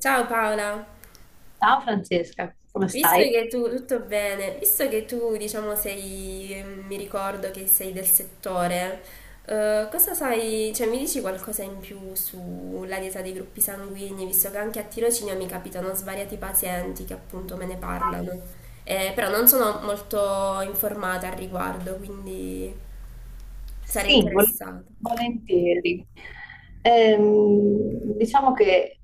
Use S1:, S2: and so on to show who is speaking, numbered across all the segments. S1: Ciao Paola,
S2: Ciao Francesca, come
S1: visto
S2: stai?
S1: che tu tutto bene, visto che tu, diciamo, sei, mi ricordo che sei del settore. Cosa sai, cioè mi dici qualcosa in più sulla dieta dei gruppi sanguigni, visto che anche a tirocinio mi capitano svariati pazienti che appunto me ne parlano? Però non sono molto informata al riguardo, quindi sarei
S2: Sì,
S1: interessata.
S2: volentieri. Diciamo che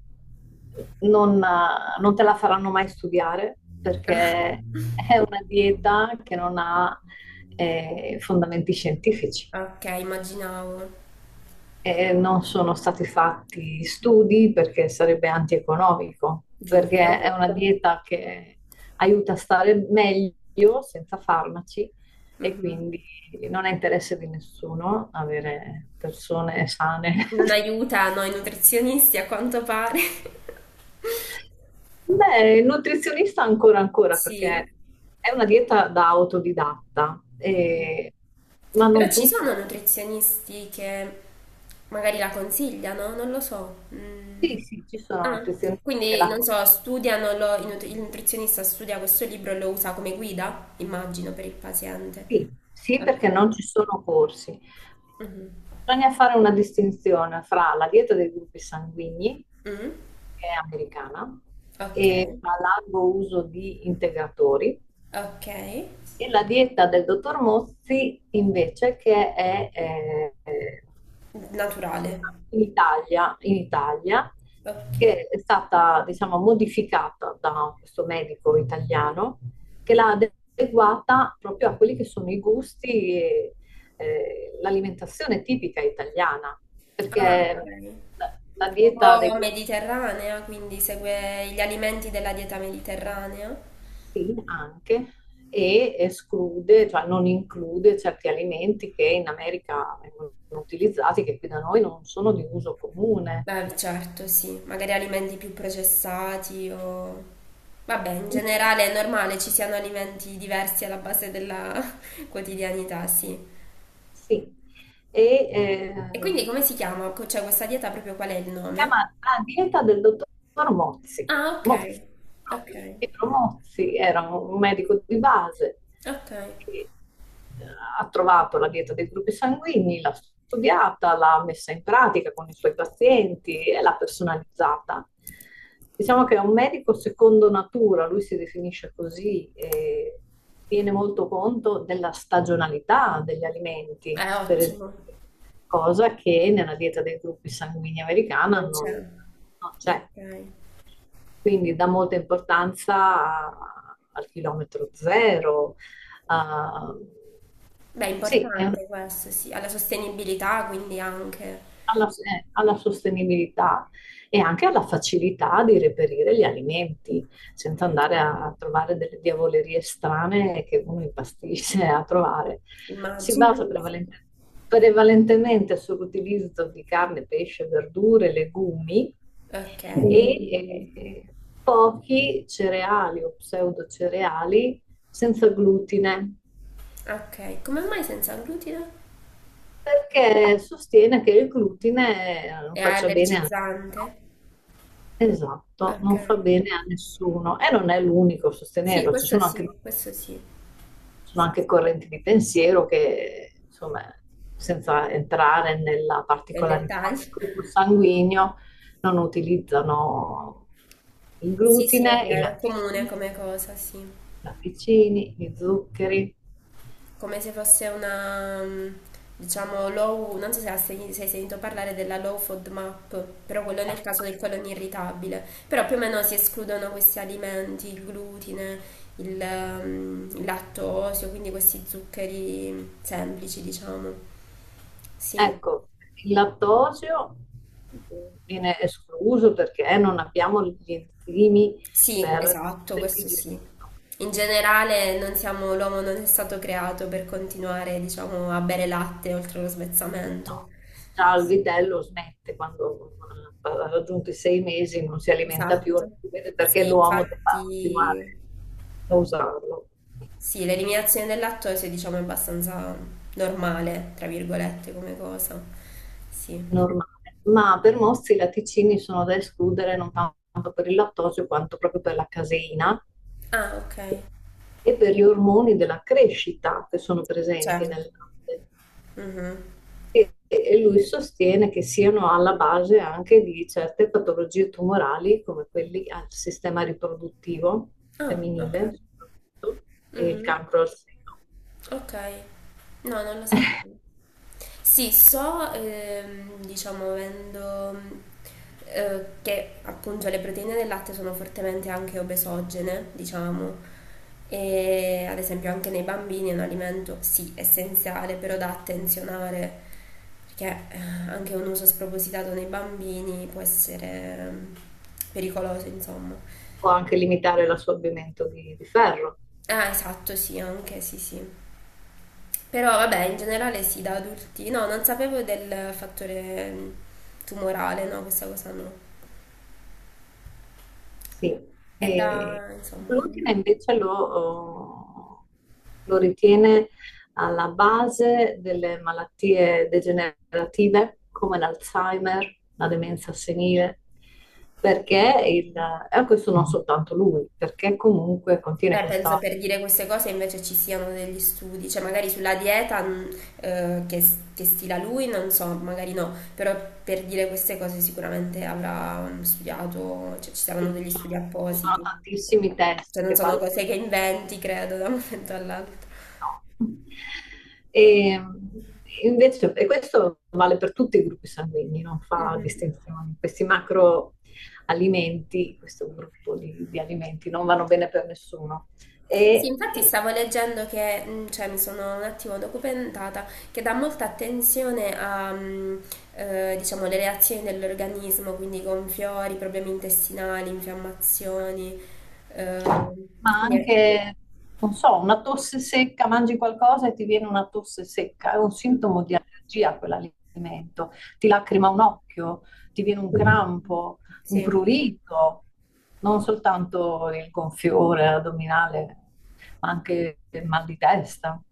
S2: non te la faranno mai studiare perché è una dieta che non ha fondamenti scientifici.
S1: Ah, ok, immaginavo,
S2: Non sono stati fatti studi perché sarebbe antieconomico, perché è
S1: giusto?
S2: una, certo, dieta che aiuta a stare meglio senza farmaci e
S1: Mhm.
S2: quindi non è interesse di nessuno avere persone sane.
S1: Non aiutano i nutrizionisti a quanto pare.
S2: Beh, il nutrizionista ancora ancora
S1: Sì.
S2: perché è una dieta da autodidatta,
S1: Mm.
S2: ma
S1: Però
S2: non
S1: ci
S2: tutti.
S1: sono nutrizionisti che magari la consigliano, non lo so. Mm.
S2: Sì, sì, ci sono
S1: Ah,
S2: nutrizionisti che
S1: quindi
S2: la.
S1: non so, studiano il nutrizionista studia questo libro e lo usa come guida, immagino, per il paziente.
S2: Sì, sì,
S1: Ok.
S2: perché non ci sono corsi.
S1: Mhm.
S2: Bisogna fare una distinzione fra la dieta dei gruppi sanguigni,
S1: Mm.
S2: che è americana,
S1: Ok.
S2: e fra largo uso di integratori,
S1: Ok.
S2: e la dieta del dottor Mozzi invece che è
S1: Naturale.
S2: cioè, in Italia,
S1: Ok.
S2: che è stata, diciamo, modificata da questo medico italiano, che l'ha adeguata proprio a quelli che sono i gusti e l'alimentazione tipica italiana,
S1: Ah,
S2: perché
S1: ok,
S2: la
S1: un
S2: dieta dei
S1: po'
S2: gusti.
S1: mediterranea, quindi segue gli alimenti della dieta mediterranea.
S2: Sì, anche, e esclude, cioè non include certi alimenti che in America vengono utilizzati, che qui da noi non sono di uso comune.
S1: Beh, certo, sì, magari alimenti più processati Vabbè, in generale è normale ci siano alimenti diversi alla base della quotidianità, sì.
S2: Sì, e
S1: E
S2: eh,
S1: quindi come si chiama? Cioè, questa dieta proprio qual è il nome?
S2: chiama la dieta del dottor Mozzi.
S1: Ah, ok,
S2: Mozzi,
S1: ok,
S2: proprio. Pietro Mozzi era un medico di base
S1: ok.
S2: che eh, ha trovato la dieta dei gruppi sanguigni, l'ha studiata, l'ha messa in pratica con i suoi pazienti e l'ha personalizzata. Diciamo che è un medico secondo natura, lui si definisce così, e tiene molto conto della stagionalità degli alimenti,
S1: Beh,
S2: per esempio,
S1: ottimo,
S2: cosa che nella dieta dei gruppi sanguigni americana
S1: non
S2: non,
S1: c'è.
S2: non c'è.
S1: Ok.
S2: Quindi dà molta importanza al chilometro zero. a-
S1: Beh, è
S2: sì, è una
S1: importante questo, sì, alla sostenibilità quindi anche.
S2: alla sostenibilità e anche alla facilità di reperire gli alimenti, senza andare
S1: Ok.
S2: a trovare delle diavolerie strane che uno impastisce a trovare. Si
S1: Immagino.
S2: basa prevalentemente sull'utilizzo di carne, pesce, verdure, legumi,
S1: Ok,
S2: Mm. e eh, pochi cereali o pseudocereali senza glutine,
S1: ok. Come mai senza glutine?
S2: perché sostiene che il glutine non
S1: È
S2: faccia bene al.
S1: allergizzante?
S2: Esatto,
S1: Ok.
S2: non fa bene a nessuno e non è l'unico a
S1: Sì,
S2: sostenerlo, ci
S1: questo
S2: sono anche, ci
S1: sì, questo sì.
S2: sono
S1: Sì,
S2: anche
S1: sì.
S2: correnti di pensiero che, insomma, senza entrare nella
S1: Del
S2: particolarità
S1: dettaglio.
S2: del gruppo sanguigno, non utilizzano il
S1: Sì, sì, è
S2: glutine, i
S1: vero, è
S2: latticini,
S1: comune
S2: i
S1: come cosa, sì.
S2: latticini, gli zuccheri.
S1: Come se fosse una, diciamo, low, non so se se hai sentito parlare della low FODMAP, però quello nel caso del colon irritabile, però più o meno si escludono questi alimenti: il glutine, il lattosio, quindi questi zuccheri semplici, diciamo. Sì,
S2: Ecco, il lattosio viene escluso perché non abbiamo gli enzimi
S1: sì,
S2: per
S1: esatto,
S2: per
S1: questo sì.
S2: digerirlo.
S1: In generale non siamo, l'uomo non è stato creato per continuare, diciamo, a bere latte oltre lo svezzamento.
S2: No, già il
S1: Sì.
S2: vitello smette quando ha raggiunto i 6 mesi, non si alimenta più, non
S1: Esatto.
S2: si vede perché
S1: Sì,
S2: l'uomo deve continuare
S1: infatti,
S2: a usarlo.
S1: sì, l'eliminazione dell'attore, sì, diciamo, è abbastanza normale, tra virgolette, come cosa.
S2: È
S1: Sì.
S2: normale, ma per molti i latticini sono da escludere non tanto per il lattosio quanto proprio per la caseina
S1: Ah, ok.
S2: e per gli ormoni della crescita che sono presenti
S1: Certo.
S2: nel latte.
S1: Mhm.
S2: E lui sostiene che siano alla base anche di certe patologie tumorali, come quelli al sistema riproduttivo
S1: Ah,
S2: femminile
S1: ok.
S2: soprattutto, e il
S1: Mhm.
S2: cancro al seno,
S1: Ok. No, non lo sapevo. Sì, so, diciamo, avendo che appunto le proteine del latte sono fortemente anche obesogene, diciamo, e ad esempio anche nei bambini è un alimento sì essenziale, però da attenzionare, perché anche un uso spropositato nei bambini può essere ehm, pericoloso, insomma.
S2: o anche limitare l'assorbimento di ferro.
S1: Ah, esatto, sì, anche, sì, sì. Però vabbè, in generale sì, da adulti. No, non sapevo del fattore tumorale, no, questa cosa no.
S2: Sì,
S1: È
S2: e
S1: da, insomma.
S2: l'ultima invece lo ritiene alla base delle malattie degenerative come l'Alzheimer, la demenza senile, perché e questo non soltanto lui, perché comunque contiene
S1: Beh, penso
S2: questa.
S1: per dire queste cose invece ci siano degli studi, cioè magari sulla dieta che, stila lui, non so, magari no, però per dire queste cose sicuramente avrà studiato, cioè ci saranno
S2: Sì, Ci
S1: degli studi
S2: sono, ci sono
S1: appositi.
S2: tantissimi
S1: Cioè
S2: testi
S1: non
S2: che
S1: sono
S2: parlano.
S1: cose che inventi, credo, da un momento all'altro.
S2: No. E, invece, questo vale per tutti i gruppi sanguigni, non fa
S1: Mhm.
S2: distinzioni. Questi macroalimenti, questo gruppo di alimenti, non vanno bene per nessuno.
S1: Sì,
S2: E,
S1: infatti
S2: e
S1: stavo leggendo che, cioè mi sono un attimo documentata, che dà molta attenzione a, diciamo, le reazioni dell'organismo, quindi gonfiori, problemi intestinali, infiammazioni. ehm,
S2: ma
S1: quindi è,
S2: anche, non so, una tosse secca, mangi qualcosa e ti viene una tosse secca, è un
S1: mhm,
S2: sintomo di allergia a quell'alimento, ti lacrima un occhio, ti viene un crampo, un
S1: sì.
S2: prurito, non soltanto il gonfiore addominale, ma anche il mal di testa.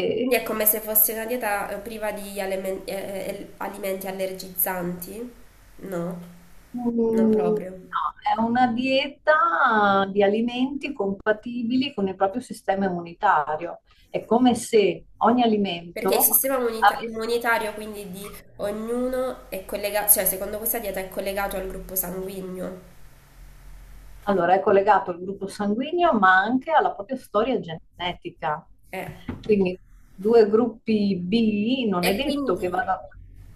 S1: Sì, quindi è come se fosse una dieta priva di alimenti allergizzanti? No, non
S2: Mm,
S1: proprio.
S2: No, è una dieta di alimenti compatibili con il proprio sistema immunitario. È come se ogni
S1: Perché il
S2: alimento
S1: sistema
S2: avesse.
S1: immunitario, quindi di ognuno, è collegato, cioè secondo questa dieta è collegato al gruppo sanguigno.
S2: Allora, è collegato al gruppo sanguigno, ma anche alla propria storia genetica.
S1: Eh.
S2: Quindi due gruppi B non è
S1: E
S2: detto che
S1: quindi,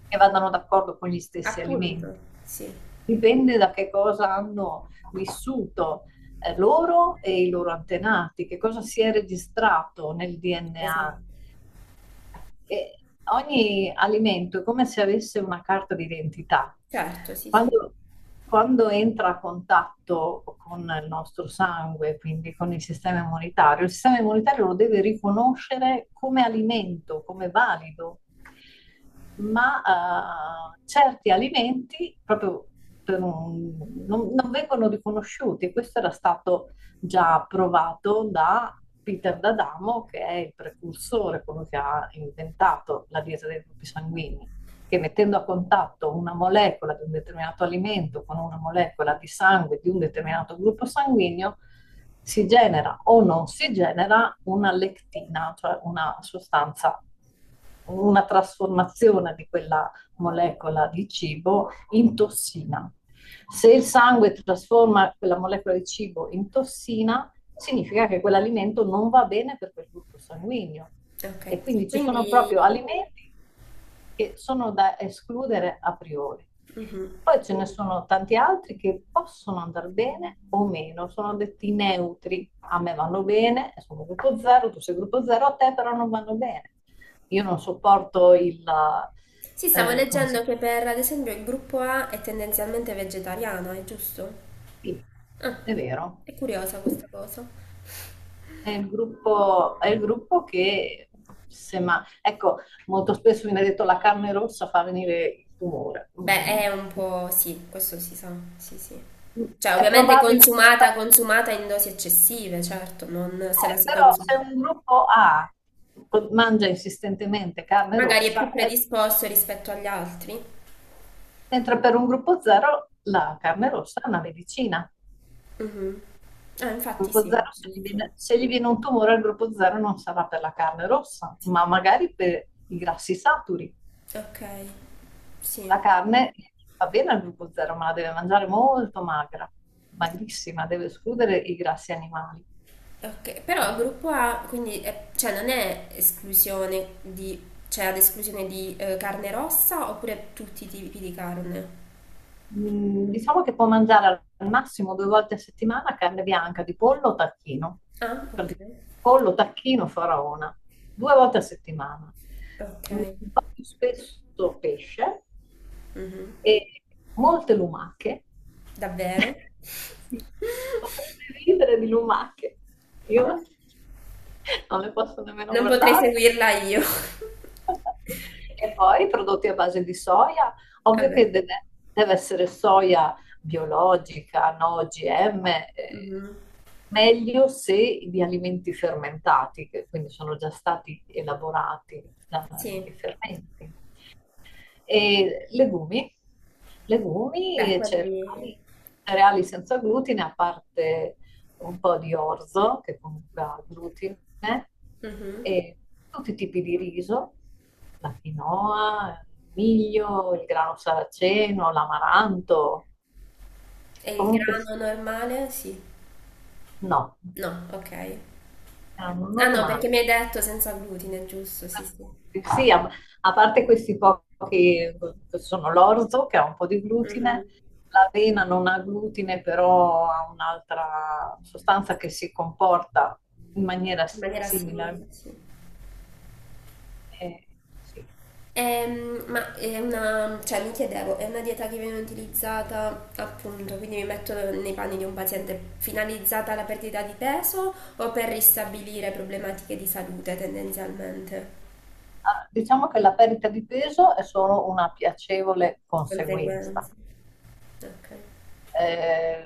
S2: che vadano d'accordo con gli stessi
S1: appunto,
S2: alimenti.
S1: sì,
S2: Dipende da che cosa hanno vissuto loro e i loro antenati, che cosa si è registrato nel
S1: esatto.
S2: DNA. E ogni alimento è come se avesse una carta d'identità.
S1: Certo, sì, sì.
S2: Quando, quando entra a contatto con il nostro sangue, quindi con il sistema immunitario lo deve riconoscere come alimento, come valido, ma certi alimenti proprio non vengono riconosciuti. Questo era stato già provato da Peter D'Adamo, che è il precursore, quello che ha inventato la dieta dei gruppi sanguigni, che mettendo a contatto una molecola di un determinato alimento con una molecola di sangue di un determinato gruppo sanguigno, si genera o non si genera una lectina, cioè una sostanza, una trasformazione di quella molecola di cibo in tossina. Se il sangue trasforma quella molecola di cibo in tossina, significa che quell'alimento non va bene per quel gruppo sanguigno.
S1: Ok.
S2: E quindi ci sono
S1: Quindi,
S2: proprio alimenti che sono da escludere a priori.
S1: mhm.
S2: Poi ce ne sono tanti altri che possono andare bene o meno, sono detti neutri. A me vanno bene, sono gruppo 0, tu sei gruppo 0, a te però non vanno bene. Io non sopporto il,
S1: Sì, stavo
S2: come si.
S1: leggendo che per, ad esempio, il gruppo A è tendenzialmente vegetariano, è giusto?
S2: Sì,
S1: Ah,
S2: è vero.
S1: è curiosa questa cosa.
S2: È il gruppo che, se ma, ecco, molto spesso viene detto la carne rossa fa venire il tumore.
S1: Beh,
S2: Mm,
S1: è un po', sì, questo si sa, sì, sì.
S2: mm.
S1: Cioè,
S2: È
S1: ovviamente
S2: probabile,
S1: consumata, consumata in dosi eccessive, certo, non se la si
S2: però
S1: consuma.
S2: se un gruppo A mangia insistentemente carne
S1: Magari è più
S2: rossa,
S1: predisposto rispetto agli altri.
S2: mentre per un gruppo zero la carne rossa è una medicina.
S1: Mhm. Ah,
S2: Il
S1: infatti
S2: gruppo
S1: sì,
S2: zero, se gli
S1: giusto.
S2: viene, se gli viene un tumore al gruppo zero non sarà per la carne rossa, ma magari per i grassi saturi.
S1: Ok, sì.
S2: La carne fa bene al gruppo zero, ma la deve mangiare molto magra, magrissima, deve escludere i grassi animali.
S1: Ok, però il gruppo A, quindi, cioè, non è esclusione di, cioè, ad esclusione di carne rossa oppure tutti i tipi di carne?
S2: Diciamo che può mangiare al massimo due volte a settimana carne bianca di pollo o tacchino,
S1: Ah,
S2: per
S1: ok.
S2: dire, pollo, tacchino, faraona, due volte a settimana.
S1: Ok.
S2: Un po' più spesso pesce
S1: Mhm.
S2: e molte lumache.
S1: Davvero?
S2: Sì, potrebbe ridere di lumache. Io non le posso nemmeno
S1: Non potrei
S2: guardare.
S1: seguirla io.
S2: E poi prodotti a base di soia, ovvio che
S1: Vabbè.
S2: deve essere soia biologica, no OGM, eh,
S1: Mhm.
S2: meglio se di alimenti fermentati, che quindi sono già stati elaborati
S1: Sì,
S2: dai fermenti. E legumi,
S1: beh,
S2: e
S1: quelli.
S2: cereali, cereali senza glutine, a parte un po' di orzo, che comunque ha glutine,
S1: Mhm.
S2: e tutti i tipi di riso, la quinoa, il miglio, il grano saraceno, l'amaranto,
S1: E il
S2: comunque sì,
S1: grano normale? Sì.
S2: no,
S1: No, ok.
S2: erano
S1: Ah no,
S2: normali.
S1: perché mi hai detto senza glutine, giusto? Sì, sì.
S2: Certo. Sì, a parte questi pochi, che sono l'orzo che ha un po' di glutine,
S1: Mhm.
S2: l'avena non ha glutine, però ha un'altra sostanza che si comporta in maniera
S1: In maniera simile,
S2: simile.
S1: sì.
S2: Eh, sì.
S1: Ma è una, cioè mi chiedevo, è una dieta che viene utilizzata appunto, quindi mi metto nei panni di un paziente, finalizzata alla perdita di peso o per ristabilire problematiche di salute tendenzialmente?
S2: Ah, diciamo che la perdita di peso è solo una piacevole conseguenza.
S1: Conseguenze. Ok.
S2: Eh,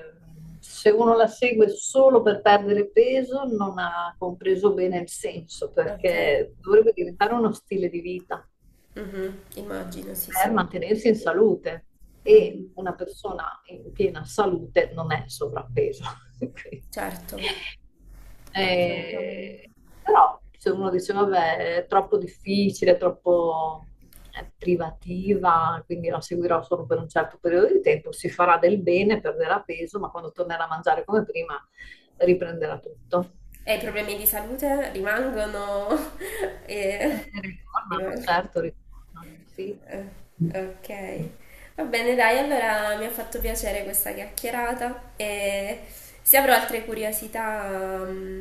S2: se uno la segue solo per perdere peso, non ha compreso bene il senso,
S1: Ok.
S2: perché dovrebbe diventare uno stile di vita
S1: Mhm, immagino, sì, sì.
S2: per mantenersi in salute, e
S1: Mhm,
S2: una persona in piena salute non è sovrappeso. Quindi,
S1: certo, assolutamente.
S2: eh, però se uno dice vabbè è troppo difficile, è troppo privativa, quindi la seguirò solo per un certo periodo di tempo, si farà del bene, perderà peso, ma quando tornerà a mangiare come prima riprenderà tutto.
S1: E i problemi di salute rimangono? e...
S2: Ritornano,
S1: Rimangono.
S2: certo, ritornano, sì.
S1: Eh, Ok. Va bene, dai, allora mi ha fatto piacere questa chiacchierata e se avrò altre curiosità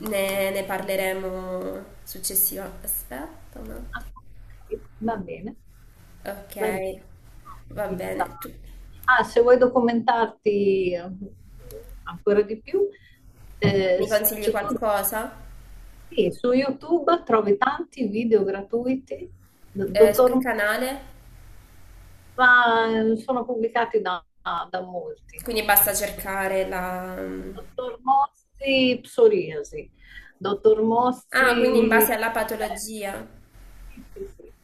S1: ne parleremo successivamente. Aspetta un attimo.
S2: Ah, ok, va bene.
S1: Ok,
S2: Beh,
S1: va bene.
S2: approfitta.
S1: Tu
S2: Ah, se vuoi documentarti ancora di più, eh,
S1: mi consigli
S2: se tu
S1: qualcosa?
S2: sì, su YouTube trovi tanti video gratuiti,
S1: Su che
S2: dottor,
S1: canale?
S2: ma sono pubblicati da molti.
S1: Quindi basta cercare la, mm.
S2: Dottor Mossi, psoriasi. Dottor
S1: Ah, quindi in
S2: Mossi,
S1: base alla patologia.
S2: sì, sì, sì.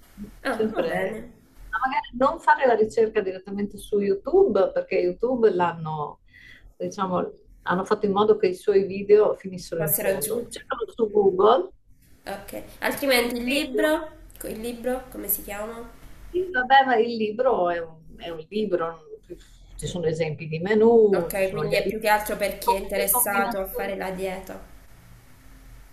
S1: Ah, va
S2: Sempre.
S1: bene.
S2: Ma magari non fare la ricerca direttamente su YouTube, perché YouTube l'hanno, diciamo, hanno fatto in modo che i suoi video finissero in
S1: Passerò giù.
S2: fondo. Cercalo su Google.
S1: Ok. Altrimenti
S2: Video.
S1: il libro, come si chiama?
S2: Sì, vabbè, ma il libro è un libro, ci sono esempi di menù, ci
S1: Ok,
S2: sono gli
S1: quindi è più che
S2: alimenti,
S1: altro per chi è
S2: le
S1: interessato a fare
S2: combinazioni.
S1: la dieta.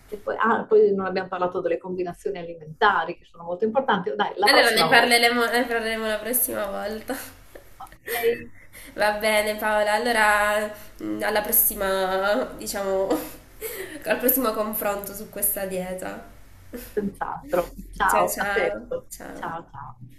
S2: E poi, non abbiamo parlato delle combinazioni alimentari che sono molto importanti. Dai, la
S1: Allora
S2: prossima volta.
S1: ne parleremo la prossima volta.
S2: Ok,
S1: Va bene, Paola, allora alla prossima, diciamo, al prossimo confronto su questa dieta.
S2: senz'altro.
S1: Ciao
S2: Ciao, a
S1: ciao,
S2: presto.
S1: ciao.
S2: Ciao, ciao.